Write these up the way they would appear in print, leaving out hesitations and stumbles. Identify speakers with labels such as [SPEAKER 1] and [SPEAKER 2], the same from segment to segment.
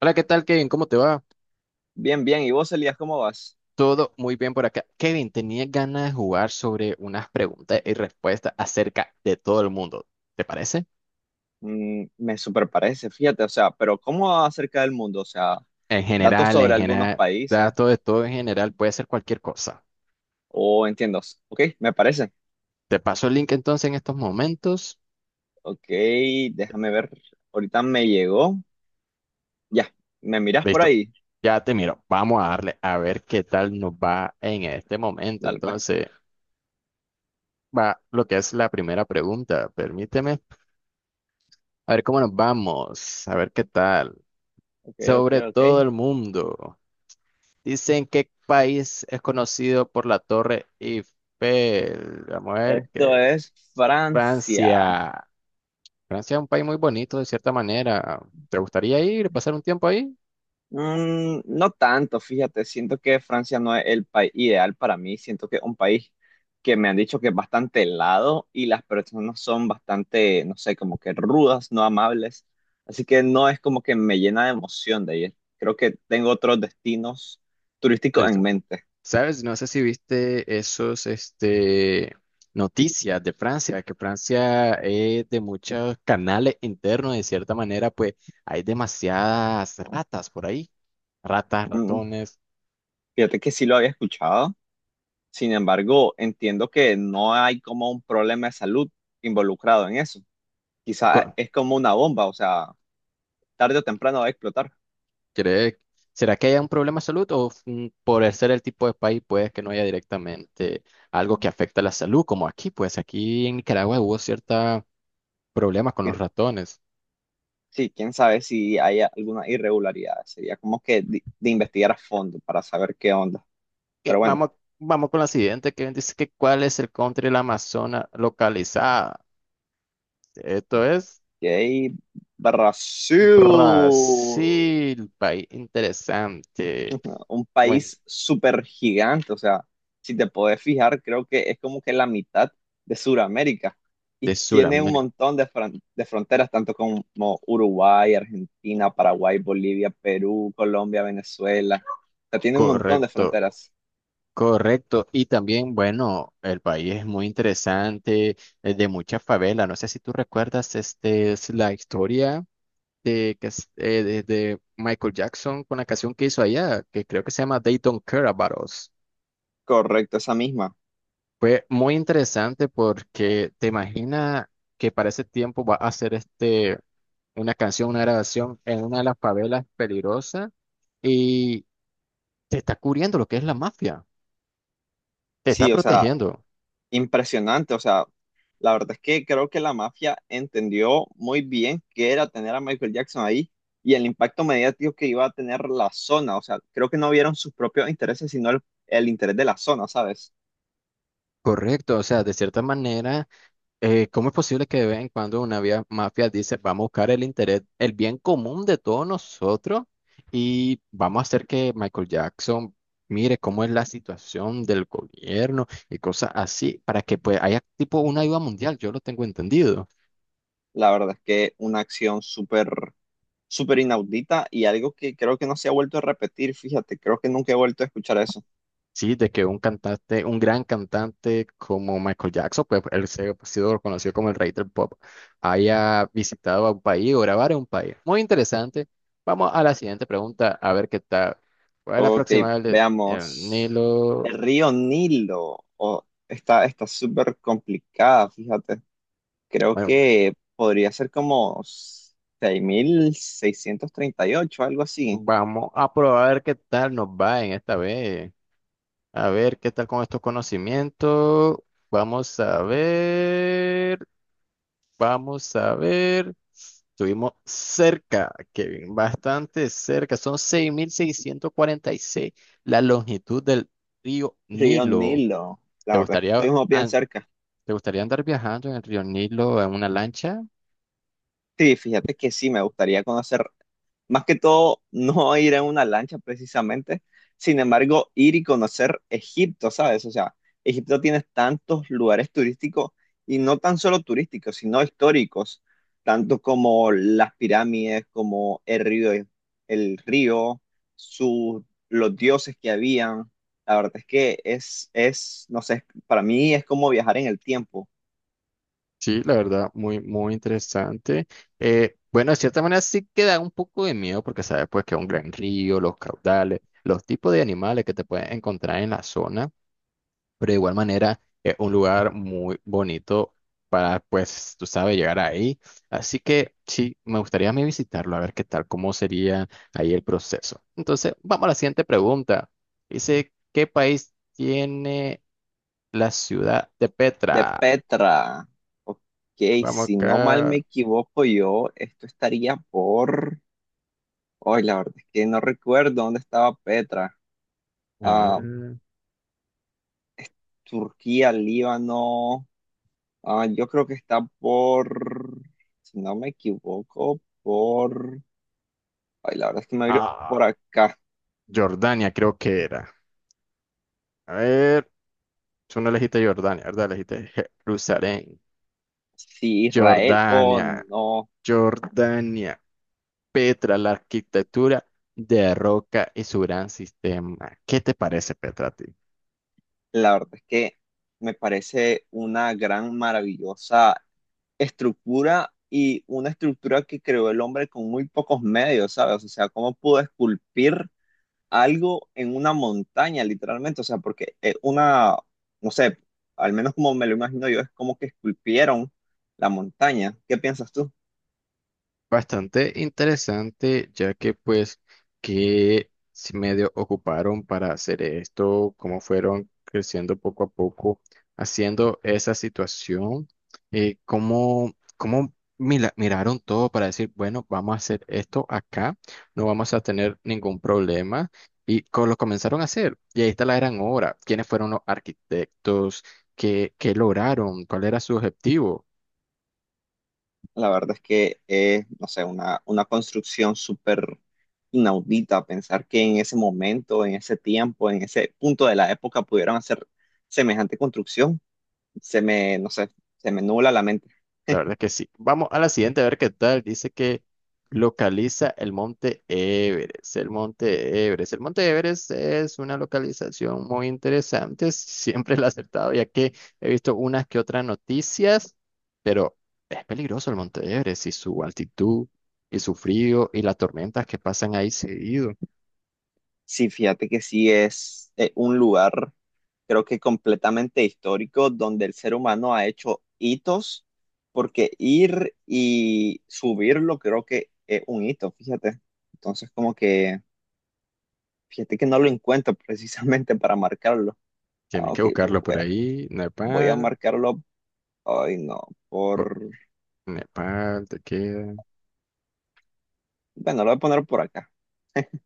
[SPEAKER 1] Hola, ¿qué tal, Kevin? ¿Cómo te va?
[SPEAKER 2] Bien, bien. ¿Y vos, Elías, cómo vas?
[SPEAKER 1] Todo muy bien por acá. Kevin, tenía ganas de jugar sobre unas preguntas y respuestas acerca de todo el mundo. ¿Te parece?
[SPEAKER 2] Me super parece, fíjate, o sea, pero ¿cómo acerca del mundo? O sea,
[SPEAKER 1] En
[SPEAKER 2] datos
[SPEAKER 1] general,
[SPEAKER 2] sobre algunos países,
[SPEAKER 1] datos de todo en general, puede ser cualquier cosa.
[SPEAKER 2] o entiendo. Ok, me parece.
[SPEAKER 1] Te paso el link entonces en estos momentos.
[SPEAKER 2] Ok, déjame ver. Ahorita me llegó. Ya, ¿me mirás por
[SPEAKER 1] Listo.
[SPEAKER 2] ahí?
[SPEAKER 1] Ya te miro. Vamos a darle a ver qué tal nos va en este momento.
[SPEAKER 2] Dale, pues.
[SPEAKER 1] Entonces, va lo que es la primera pregunta. Permíteme. A ver cómo nos vamos. A ver qué tal.
[SPEAKER 2] Ok, ok,
[SPEAKER 1] Sobre
[SPEAKER 2] ok.
[SPEAKER 1] todo el mundo. Dicen qué país es conocido por la Torre Eiffel. Vamos a ver,
[SPEAKER 2] Esto es Francia.
[SPEAKER 1] Francia. Francia es un país muy bonito de cierta manera. ¿Te gustaría ir, pasar un tiempo ahí?
[SPEAKER 2] No tanto, fíjate, siento que Francia no es el país ideal para mí, siento que es un país que me han dicho que es bastante helado y las personas son bastante, no sé, como que rudas, no amables, así que no es como que me llena de emoción de ir. Creo que tengo otros destinos turísticos en
[SPEAKER 1] Listo.
[SPEAKER 2] mente.
[SPEAKER 1] ¿Sabes? No sé si viste noticias de Francia, que Francia es de muchos canales internos, de cierta manera, pues hay demasiadas ratas por ahí. Ratas,
[SPEAKER 2] Mm,
[SPEAKER 1] ratones.
[SPEAKER 2] Fíjate que sí lo había escuchado, sin embargo, entiendo que no hay como un problema de salud involucrado en eso. Quizás
[SPEAKER 1] Co-
[SPEAKER 2] es como una bomba, o sea, tarde o temprano va a explotar.
[SPEAKER 1] ¿Cree- ¿Será que haya un problema de salud o por el ser el tipo de país puede que no haya directamente algo que afecta a la salud? Como aquí, pues aquí en Nicaragua hubo cierta problemas con los ratones.
[SPEAKER 2] Sí, quién sabe si hay alguna irregularidad. Sería como que de investigar a fondo para saber qué onda.
[SPEAKER 1] Eh,
[SPEAKER 2] Pero bueno,
[SPEAKER 1] vamos, vamos con la siguiente, que dice que cuál es el country de la Amazona localizada. Esto es
[SPEAKER 2] y ahí Brasil,
[SPEAKER 1] Brasil, país interesante.
[SPEAKER 2] un
[SPEAKER 1] Bueno,
[SPEAKER 2] país súper gigante. O sea, si te podés fijar, creo que es como que la mitad de Sudamérica.
[SPEAKER 1] de
[SPEAKER 2] Y tiene un
[SPEAKER 1] Sudamérica,
[SPEAKER 2] montón de, de fronteras, tanto como Uruguay, Argentina, Paraguay, Bolivia, Perú, Colombia, Venezuela. O sea, tiene un montón de
[SPEAKER 1] correcto.
[SPEAKER 2] fronteras.
[SPEAKER 1] Correcto. Y también, bueno, el país es muy interesante, es de muchas favelas. No sé si tú recuerdas es la historia de, que, es- de Michael Jackson con la canción que hizo allá, que creo que se llama They Don't Care About Us.
[SPEAKER 2] Correcto, esa misma.
[SPEAKER 1] Fue muy interesante porque te imaginas que para ese tiempo va a hacer una canción, una grabación en una de las favelas peligrosas y te está cubriendo lo que es la mafia, te está
[SPEAKER 2] Sí, o sea,
[SPEAKER 1] protegiendo.
[SPEAKER 2] impresionante. O sea, la verdad es que creo que la mafia entendió muy bien qué era tener a Michael Jackson ahí y el impacto mediático que iba a tener la zona. O sea, creo que no vieron sus propios intereses, sino el interés de la zona, ¿sabes?
[SPEAKER 1] Correcto, o sea, de cierta manera. ¿Cómo es posible que de vez en cuando una mafia dice, vamos a buscar el interés, el bien común de todos nosotros y vamos a hacer que Michael Jackson mire cómo es la situación del gobierno y cosas así para que pues haya tipo una ayuda mundial? Yo lo tengo entendido.
[SPEAKER 2] La verdad es que una acción súper, súper inaudita y algo que creo que no se ha vuelto a repetir. Fíjate, creo que nunca he vuelto a escuchar eso.
[SPEAKER 1] Sí, de que un cantante, un gran cantante como Michael Jackson, pues él se ha sido reconocido como el rey del pop, haya visitado a un país o grabar en un país. Muy interesante. Vamos a la siguiente pregunta, a ver qué tal. ¿Cuál es la
[SPEAKER 2] Ok,
[SPEAKER 1] próxima del el
[SPEAKER 2] veamos.
[SPEAKER 1] Nilo?
[SPEAKER 2] El río Nilo. Oh, está súper complicada, fíjate. Creo
[SPEAKER 1] Bueno,
[SPEAKER 2] que podría ser como 6.638, algo así.
[SPEAKER 1] vamos a probar a ver qué tal nos va en esta vez. A ver qué tal con estos conocimientos. Vamos a ver. Vamos a ver. Estuvimos cerca, Kevin, bastante cerca. Son 6.646 la longitud del río
[SPEAKER 2] Río
[SPEAKER 1] Nilo.
[SPEAKER 2] Nilo.
[SPEAKER 1] ¿Te
[SPEAKER 2] La verdad,
[SPEAKER 1] gustaría,
[SPEAKER 2] estuvimos bien
[SPEAKER 1] an-
[SPEAKER 2] cerca.
[SPEAKER 1] ¿Te gustaría andar viajando en el río Nilo en una lancha?
[SPEAKER 2] Sí, fíjate que sí, me gustaría conocer, más que todo, no ir en una lancha precisamente, sin embargo, ir y conocer Egipto, ¿sabes? O sea, Egipto tiene tantos lugares turísticos y no tan solo turísticos, sino históricos, tanto como las pirámides, como el río, el río, sus, los dioses que habían. La verdad es que no sé, para mí es como viajar en el tiempo.
[SPEAKER 1] Sí, la verdad, muy, muy interesante. Bueno, de cierta manera sí que da un poco de miedo porque sabes pues que es un gran río, los caudales, los tipos de animales que te pueden encontrar en la zona, pero de igual manera es un lugar muy bonito para, pues, tú sabes, llegar ahí. Así que sí, me gustaría a mí visitarlo, a ver qué tal, cómo sería ahí el proceso. Entonces, vamos a la siguiente pregunta. Dice, ¿qué país tiene la ciudad de
[SPEAKER 2] De
[SPEAKER 1] Petra?
[SPEAKER 2] Petra. Ok,
[SPEAKER 1] Vamos
[SPEAKER 2] si no mal me
[SPEAKER 1] acá.
[SPEAKER 2] equivoco yo, esto estaría por... Hoy la verdad es que no recuerdo dónde estaba Petra.
[SPEAKER 1] A
[SPEAKER 2] Ah,
[SPEAKER 1] ver.
[SPEAKER 2] es Turquía, Líbano. Ah, yo creo que está por... Si no me equivoco, por... Ay, la verdad es que me viro
[SPEAKER 1] Ah,
[SPEAKER 2] por acá.
[SPEAKER 1] Jordania creo que era. A ver, tú no elegiste Jordania, ¿verdad? Elegiste Jerusalén.
[SPEAKER 2] Sí, Israel o
[SPEAKER 1] Jordania.
[SPEAKER 2] no.
[SPEAKER 1] Jordania. Petra, la arquitectura de roca y su gran sistema. ¿Qué te parece, Petra, a ti?
[SPEAKER 2] La verdad es que me parece una gran, maravillosa estructura y una estructura que creó el hombre con muy pocos medios, ¿sabes? O sea, cómo pudo esculpir algo en una montaña, literalmente. O sea, porque una, no sé, al menos como me lo imagino yo, es como que esculpieron la montaña. ¿Qué piensas tú?
[SPEAKER 1] Bastante interesante, ya que pues que si medio ocuparon para hacer esto, cómo fueron creciendo poco a poco, haciendo esa situación, cómo miraron todo para decir, bueno, vamos a hacer esto acá, no vamos a tener ningún problema, y lo comenzaron a hacer, y ahí está la gran obra, quiénes fueron los arquitectos, qué lograron, cuál era su objetivo.
[SPEAKER 2] La verdad es que es, no sé, una construcción súper inaudita pensar que en ese momento, en ese tiempo, en ese punto de la época pudieran hacer semejante construcción. Se me, no sé, se me nubla la mente.
[SPEAKER 1] La verdad que sí. Vamos a la siguiente a ver qué tal. Dice que localiza el monte Everest. El monte Everest. El monte Everest es una localización muy interesante. Siempre la he acertado, ya que he visto unas que otras noticias, pero es peligroso el monte Everest y su altitud y su frío y las tormentas que pasan ahí seguido.
[SPEAKER 2] Sí, fíjate que sí es un lugar, creo que completamente histórico, donde el ser humano ha hecho hitos, porque ir y subirlo creo que es un hito, fíjate. Entonces, como que, fíjate que no lo encuentro precisamente para marcarlo.
[SPEAKER 1] Tienes
[SPEAKER 2] Ah,
[SPEAKER 1] que
[SPEAKER 2] ok,
[SPEAKER 1] buscarlo por ahí.
[SPEAKER 2] voy a
[SPEAKER 1] Nepal.
[SPEAKER 2] marcarlo, ay no,
[SPEAKER 1] por-
[SPEAKER 2] por,
[SPEAKER 1] Nepal, te queda.
[SPEAKER 2] bueno, lo voy a poner por acá.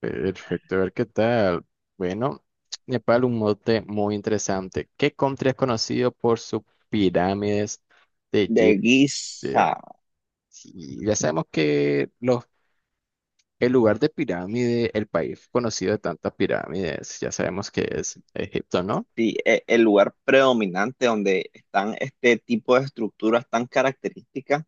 [SPEAKER 1] Perfecto, a ver qué tal. Bueno, Nepal, un mote muy interesante. ¿Qué country es conocido por sus pirámides de
[SPEAKER 2] De
[SPEAKER 1] Egipcia?
[SPEAKER 2] Giza.
[SPEAKER 1] Sí, ya sabemos que el lugar de pirámide, el país conocido de tantas pirámides, ya sabemos que es Egipto, ¿no?
[SPEAKER 2] Sí, el lugar predominante donde están este tipo de estructuras tan características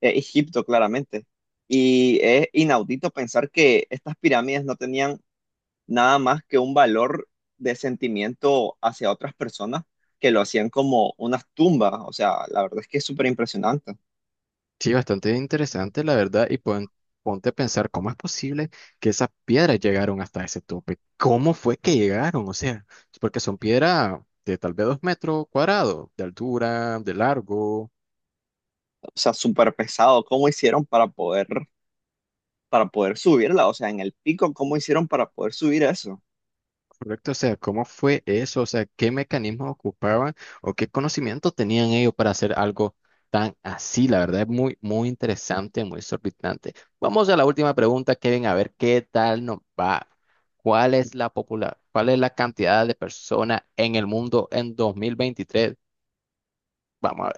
[SPEAKER 2] es Egipto, claramente. Y es inaudito pensar que estas pirámides no tenían nada más que un valor de sentimiento hacia otras personas que lo hacían como unas tumbas. O sea, la verdad es que es súper impresionante.
[SPEAKER 1] Sí, bastante interesante, la verdad, y ponte a pensar cómo es posible que esas piedras llegaron hasta ese tope. ¿Cómo fue que llegaron? O sea, porque son piedras de tal vez dos metros cuadrados de altura, de largo.
[SPEAKER 2] O sea, súper pesado. ¿Cómo hicieron para poder subirla? O sea, en el pico, ¿cómo hicieron para poder subir eso?
[SPEAKER 1] Correcto, o sea, ¿cómo fue eso? O sea, ¿qué mecanismos ocupaban o qué conocimientos tenían ellos para hacer algo tan así? La verdad es muy, muy interesante, muy exorbitante. Vamos a la última pregunta, Kevin, a ver qué tal nos va. ¿Cuál es la popular, cuál es la cantidad de personas en el mundo en 2023? Vamos a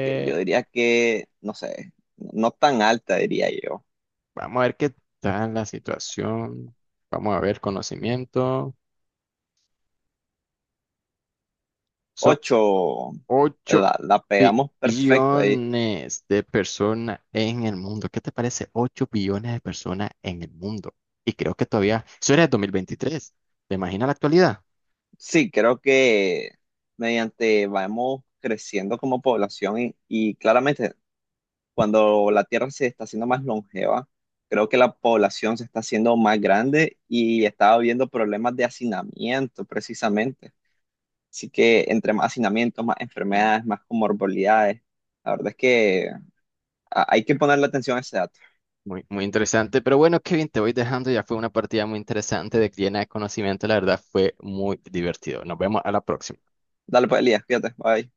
[SPEAKER 2] Que yo diría que, no sé, no tan alta, diría yo.
[SPEAKER 1] vamos a ver qué tal la situación. Vamos a ver conocimiento. Son
[SPEAKER 2] Ocho.
[SPEAKER 1] 8
[SPEAKER 2] La pegamos perfecto ahí.
[SPEAKER 1] billones de personas en el mundo. ¿Qué te parece? 8 billones de personas en el mundo. Y creo que todavía, eso era el 23. ¿Te imaginas la actualidad?
[SPEAKER 2] Sí, creo que mediante vamos creciendo como población y claramente cuando la Tierra se está haciendo más longeva, creo que la población se está haciendo más grande y está habiendo problemas de hacinamiento precisamente. Así que entre más hacinamiento, más enfermedades, más comorbilidades, la verdad es que ah, hay que ponerle atención a ese dato.
[SPEAKER 1] Muy, muy interesante. Pero bueno, Kevin, te voy dejando. Ya fue una partida muy interesante de llena de conocimiento. La verdad fue muy divertido. Nos vemos a la próxima.
[SPEAKER 2] Dale pues, Elías, fíjate, bye.